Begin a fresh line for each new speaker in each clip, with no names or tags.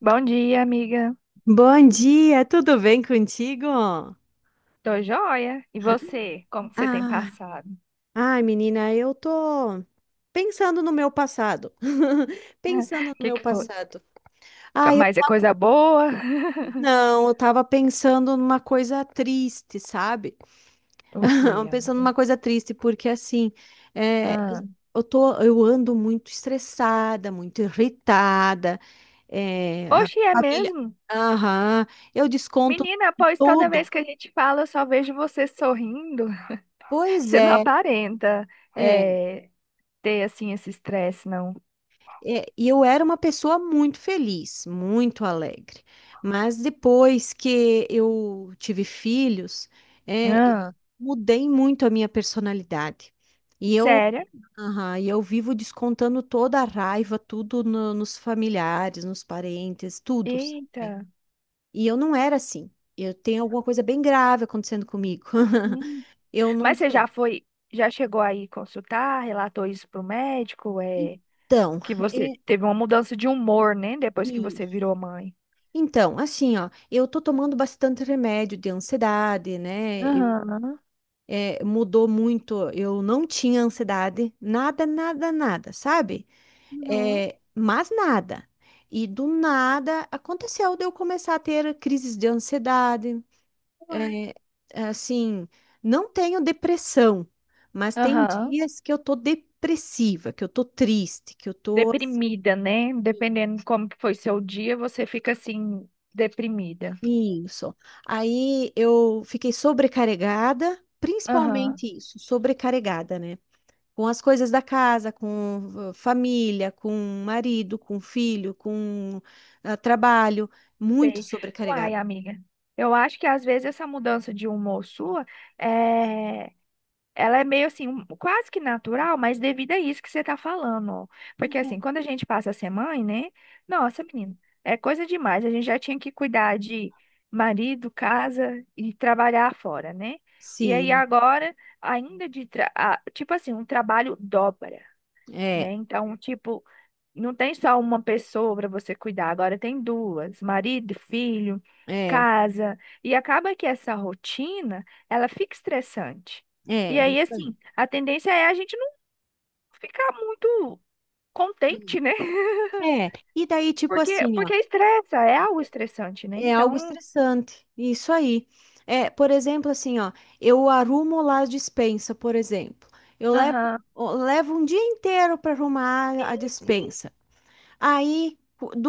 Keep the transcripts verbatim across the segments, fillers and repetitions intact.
Bom dia, amiga.
Bom dia, tudo bem contigo?
Tô joia. E você? Como que você tem
Ah,
passado?
ai, menina, eu tô pensando no meu passado.
O
Pensando no
que
meu
que foi?
passado. Ah, eu
Mas é coisa boa?
não, eu tava pensando numa coisa triste, sabe?
O que,
Pensando
amiga?
numa coisa triste, porque assim, é, eu
Ah.
eu tô, eu ando muito estressada, muito irritada, é, a
Oxe, é
família.
mesmo?
Aham, eu desconto
Menina, pois toda vez
tudo.
que a gente fala, eu só vejo você sorrindo.
Pois
Você não
é.
aparenta
É.
eh, ter, assim, esse estresse, não.
É, e eu era uma pessoa muito feliz, muito alegre. Mas depois que eu tive filhos, é,
Ah.
mudei muito a minha personalidade. E eu,
Sério?
aham, e eu vivo descontando toda a raiva, tudo no- nos familiares, nos parentes, tudo, sabe?
Eita.
E eu não era assim. Eu tenho alguma coisa bem grave acontecendo comigo.
Hum.
Eu não
Mas você já
sei.
foi, já chegou aí consultar, relatou isso pro médico? É,
Então,
que você teve uma mudança de humor, né? Depois que você
é,
virou mãe.
então, assim, ó, eu tô tomando bastante remédio de ansiedade, né? Eu-
Aham.
é, mudou muito. Eu não tinha ansiedade, nada, nada, nada, sabe?
Uhum,
É, mas nada. E do nada aconteceu de eu começar a ter crises de ansiedade.
uai.
É, assim, não tenho depressão, mas tem
Aham.
dias que eu tô depressiva, que eu tô triste, que eu tô assim.
Deprimida, né? Dependendo de como que foi seu dia, você fica assim, deprimida.
Isso. Aí eu fiquei sobrecarregada,
Aham.
principalmente isso, sobrecarregada, né? Com as coisas da casa, com eh, família, com marido, com filho, com ah, trabalho, muito
Sei. Uai,
sobrecarregada.
amiga. Eu acho que às vezes essa mudança de humor sua é ela é meio assim, um- quase que natural, mas devido a isso que você tá falando, ó. Porque assim, quando a gente passa a ser mãe, né? Nossa, menina, é coisa demais. A gente já tinha que cuidar de marido, casa e trabalhar fora, né? E aí
Sim,
agora, ainda de, tra- ah, tipo assim, um trabalho dobra, né?
é,
Então, tipo, não tem só uma pessoa para você cuidar, agora tem duas, marido, filho,
é,
casa, e acaba que essa rotina, ela fica estressante.
é,
E aí,
isso aí.
assim, a tendência é a gente não ficar muito contente, né?
É, e daí, tipo
Porque,
assim, ó.
porque estressa, é algo estressante, né?
É algo
Então,
estressante, isso aí. É, por exemplo, assim, ó, eu arrumo lá a despensa, por exemplo. Eu levo,
aham,
eu levo um dia inteiro para arrumar a
sim,
despensa. Aí,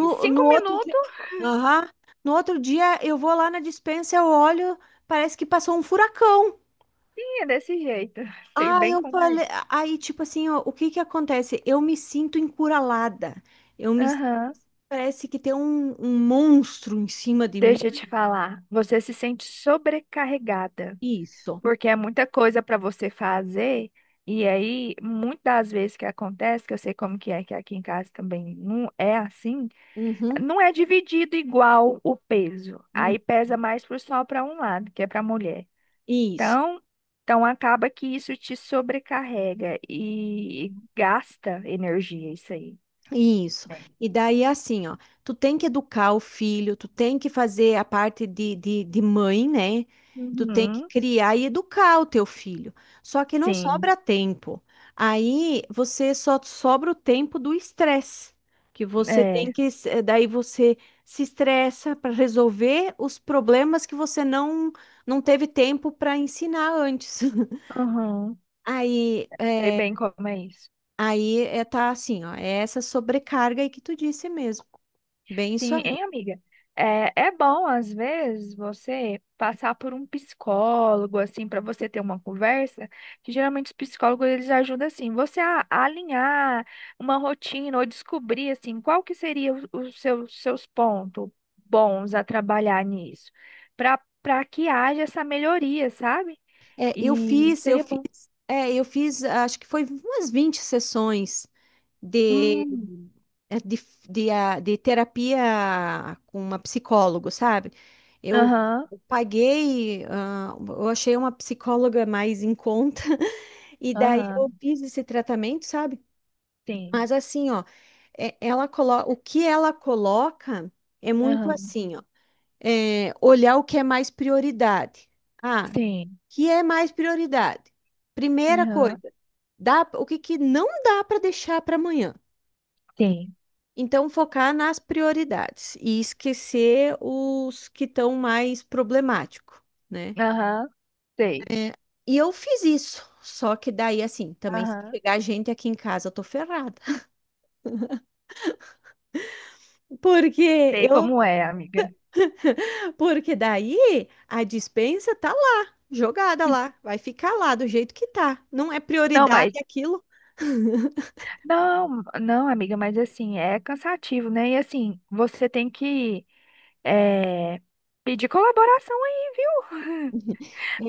em cinco
no outro dia,
minutos
aham, no outro dia eu vou lá na despensa, eu olho, parece que passou um furacão.
sim, é desse jeito. Sei
Ah,
bem
eu
como é.
falei, aí tipo assim, ó, o que que acontece? Eu me sinto encurralada. Eu me
Aham.
parece que tem um, um monstro em cima de mim.
Deixa eu te falar, você se sente sobrecarregada.
Isso.
Porque é muita coisa para você fazer, e aí, muitas das vezes que acontece, que eu sei como que é, que aqui em casa também não é assim,
Uhum.
não é dividido igual o peso. Aí pesa mais pro só para um lado, que é para a mulher.
Isso,
Então, então acaba que isso te sobrecarrega e gasta energia, isso aí,
isso.
né?
E daí, assim, ó, tu tem que educar o filho, tu tem que fazer a parte de, de, de mãe, né? Tu tem que
Uhum,
criar e educar o teu filho. Só que não
sim,
sobra tempo. Aí você só sobra o tempo do estresse, que você tem
é.
que, s- eh, daí você se estressa para resolver os problemas que você não não teve tempo para ensinar antes.
Uhum.
Aí,
Sei bem como é isso.
aí é, tá assim, ó, é essa sobrecarga aí que tu disse mesmo. Bem isso
Sim,
aí.
hein, amiga? É, é bom, às vezes, você passar por um psicólogo, assim, para você ter uma conversa, que geralmente os psicólogos, eles ajudam, assim, você a, a alinhar uma rotina ou descobrir, assim, qual que seria o- os seus, seus pontos bons a trabalhar nisso, para para que haja essa melhoria, sabe?
É, eu
E
fiz, eu
seria bom.
fiz, é, eu fiz, acho que foi umas vinte sessões de,
Hum,
é, de, de, ah, de terapia com uma psicóloga, sabe? Eu
aham,
eu paguei, ah, eu achei uma psicóloga mais em conta, e daí eu
aham,
fiz esse tratamento, sabe?
sim,
Mas assim, ó, é- ela colo... o que ela coloca é muito
aham,
assim, ó. É, olhar o que é mais prioridade. Ah, o
sim,
que é mais prioridade? Primeira
aham,
coisa, dá, o que, que não dá para deixar para amanhã.
sim,
Então, focar nas prioridades e esquecer os que estão mais problemáticos, né?
aham, sei.
É, e eu fiz isso. Só que daí, assim, também se
Aham.
chegar gente aqui em casa, eu tô ferrada. Porque
Sei
eu,
como é, amiga.
porque daí a dispensa tá lá, jogada lá, vai ficar lá do jeito que tá. Não é
Não,
prioridade
mas
aquilo,
não, não, amiga, mas assim, é cansativo, né? E assim, você tem que é, pedir colaboração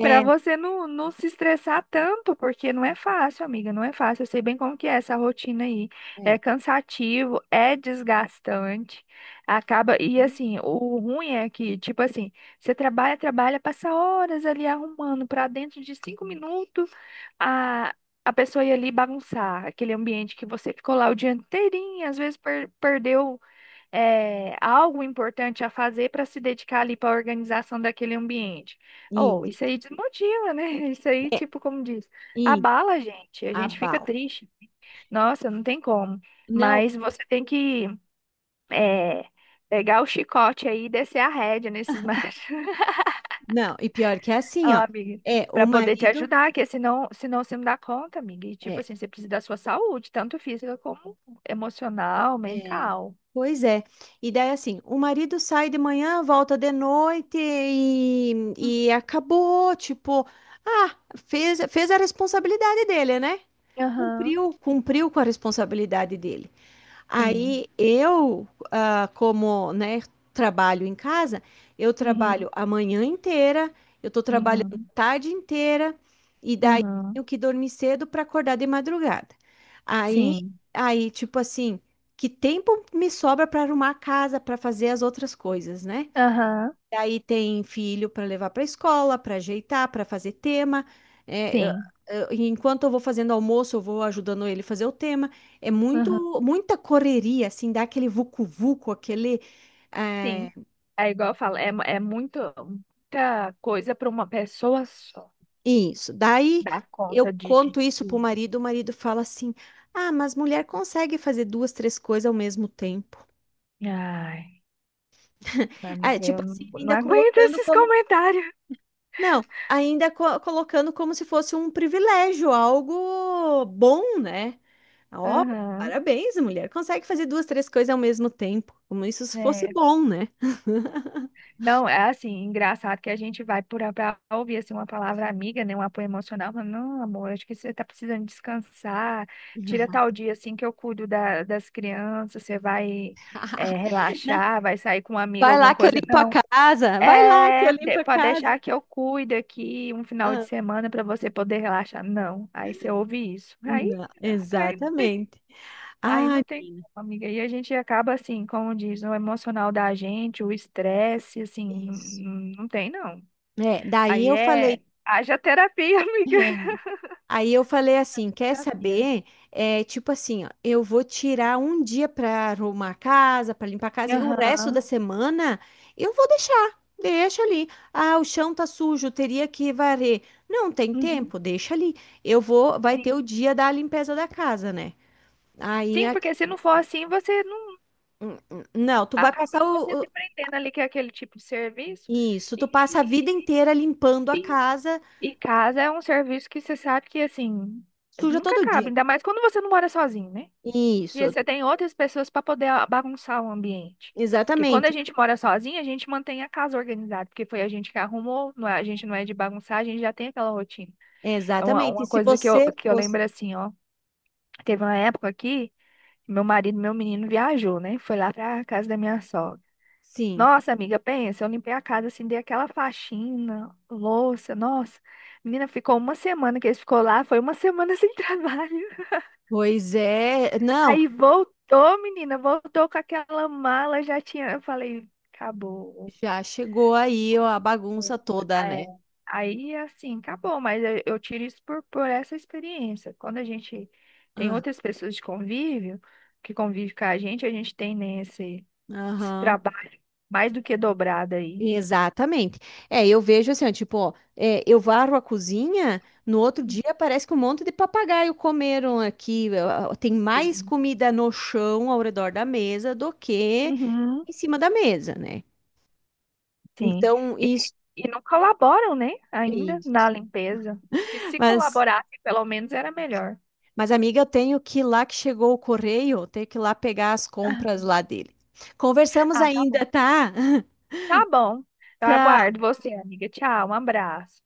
para você não, não se estressar tanto, porque não é fácil, amiga, não é fácil. Eu sei bem como que é essa rotina aí.
é.
É cansativo, é desgastante. Acaba, e assim, o ruim é que, tipo assim, você trabalha, trabalha, passa horas ali arrumando para dentro de cinco minutos a, a pessoa ir ali bagunçar aquele ambiente que você ficou lá o dia inteirinho, às vezes per- perdeu é, algo importante a fazer para se dedicar ali para a organização daquele ambiente. Oh,
Isso,
isso aí desmotiva, né? Isso aí,
é,
tipo, como diz,
isso,
abala a gente, a gente fica
abalo.
triste. Nossa, não tem como.
Não,
Mas você tem que é, pegar o chicote aí e descer a rédea nesses machos,
não, e pior que é
ó,
assim, ó.
amiga,
É, o
para poder te
marido.
ajudar, porque senão, senão você não dá conta, amiga. E, tipo
É,
assim, você precisa da sua saúde, tanto física como emocional,
é,
mental.
pois é. E daí, assim, o marido sai de manhã, volta de noite e,
Uhum.
e acabou, tipo, ah, fez, fez a responsabilidade dele, né?
Aham,
Cumpriu, cumpriu com a responsabilidade dele.
sim.
Aí eu, ah, como, né, trabalho em casa, eu
Uhum.
trabalho a manhã inteira, eu estou trabalhando
Uhum.
a tarde inteira e daí
Aham.
tenho que dormir cedo para acordar de madrugada. Aí,
Sim.
aí tipo assim, que tempo me sobra para arrumar a casa, para fazer as outras coisas, né?
Aham.
E aí tem filho para levar para a escola, para ajeitar, para fazer tema. É, eu-
Sim.
eu- enquanto eu vou fazendo almoço, eu vou ajudando ele fazer o tema. É
Aham.
muito, muita correria, assim, dá aquele vucu-vucu, aquele. É,
Sim. É igual eu falo, é, mu- é muito, muita coisa para uma pessoa só
isso. Daí
dar
eu
conta de, de
conto isso pro
tudo.
marido, o marido fala assim: Ah, mas mulher consegue fazer duas, três coisas ao mesmo tempo.
Ai,
Ah,
amiga,
tipo
eu não,
assim,
não
ainda
aguento
colocando
esses
como.
comentários.
Não, ainda co- colocando como se fosse um privilégio, algo bom, né? Ó,
Aham.
parabéns, a mulher. Consegue fazer duas, três coisas ao mesmo tempo. Como isso se fosse
É.
bom, né?
Não, é assim, engraçado que a gente vai por para ouvir assim, uma palavra amiga, né, um apoio emocional, mas não, amor, acho que você tá precisando descansar, tira tal dia assim que eu cuido da, das crianças, você vai é,
Não,
relaxar, vai sair com uma amiga,
vai lá
alguma
que eu
coisa.
limpo a
Não,
casa. Vai lá que eu
é,
limpo
de-
a
pode
casa.
deixar que eu cuido aqui um final de
Ah,
semana para você poder relaxar. Não, aí você ouve isso. Aí,
não,
aí
exatamente.
aí
Ah,
não tem como, amiga. E a gente acaba assim, como diz, o emocional da gente, o estresse, assim, não,
isso.
não não tem não.
É, daí
Aí
eu
é,
falei.
haja terapia, amiga.
É, aí eu falei assim,
Haja
quer
terapia.
saber? É, tipo assim, ó, eu vou tirar um dia para arrumar a casa, para limpar a casa, e o resto
Aham.
da semana eu vou deixar, deixa ali. Ah, o chão tá sujo, teria que varrer. Não tem
Uhum.
tempo, deixa ali. Eu vou, vai
Sim.
ter o dia da limpeza da casa, né? Aí,
Sim,
a-
porque se não for assim, você não
hum, hum, não, tu vai
acaba
passar
que você
o,
se
o-
prendendo ali que é aquele tipo de serviço.
isso, tu passa a
E,
vida inteira limpando a
e,
casa,
e casa é um serviço que você sabe que assim,
suja
nunca
todo
acaba,
dia.
ainda mais quando você não mora sozinho, né? E
Isso,
aí você tem outras pessoas para poder a- bagunçar o ambiente. Porque quando a
exatamente,
gente mora sozinha, a gente mantém a casa organizada, porque foi a gente que arrumou, não é- a gente não é de bagunçar, a gente já tem aquela rotina. É uma,
exatamente. E
uma
se
coisa que eu,
você
que eu
fosse,
lembro assim, ó. Teve uma época aqui, meu marido, meu menino viajou, né? Foi lá pra casa da minha sogra.
sim.
Nossa, amiga, pensa, eu limpei a casa assim, dei aquela faxina, louça, nossa. Menina, ficou uma semana que ele ficou lá, foi uma semana sem trabalho.
Pois é, não,
Aí voltou, menina, voltou com aquela mala, já tinha. Eu falei, acabou.
já chegou aí ó, a bagunça toda,
É, é,
né?
aí, assim, acabou, mas eu, eu tiro isso por, por essa experiência. Quando a gente tem
Ah,
outras pessoas de convívio, que convivem com a gente, a gente tem nesse esse
aham,
trabalho mais do que dobrado aí.
exatamente. É, eu vejo assim, ó, tipo, ó, é, eu varro a cozinha, no outro dia parece que um monte de papagaio comeram aqui. Ó, ó, tem mais
Sim.
comida no chão ao redor da mesa do que
Uhum,
em cima da mesa, né?
sim.
Então,
E,
isso,
e não colaboram, né, ainda na
isso.
limpeza. Que se
Mas,
colaborasse, pelo menos era melhor.
mas, amiga, eu tenho que ir lá que chegou o correio, eu tenho que ir lá pegar as compras lá dele. Conversamos
Ah, tá bom.
ainda, tá?
Tá bom. Eu aguardo
Tchau.
você, amiga. Tchau, um abraço.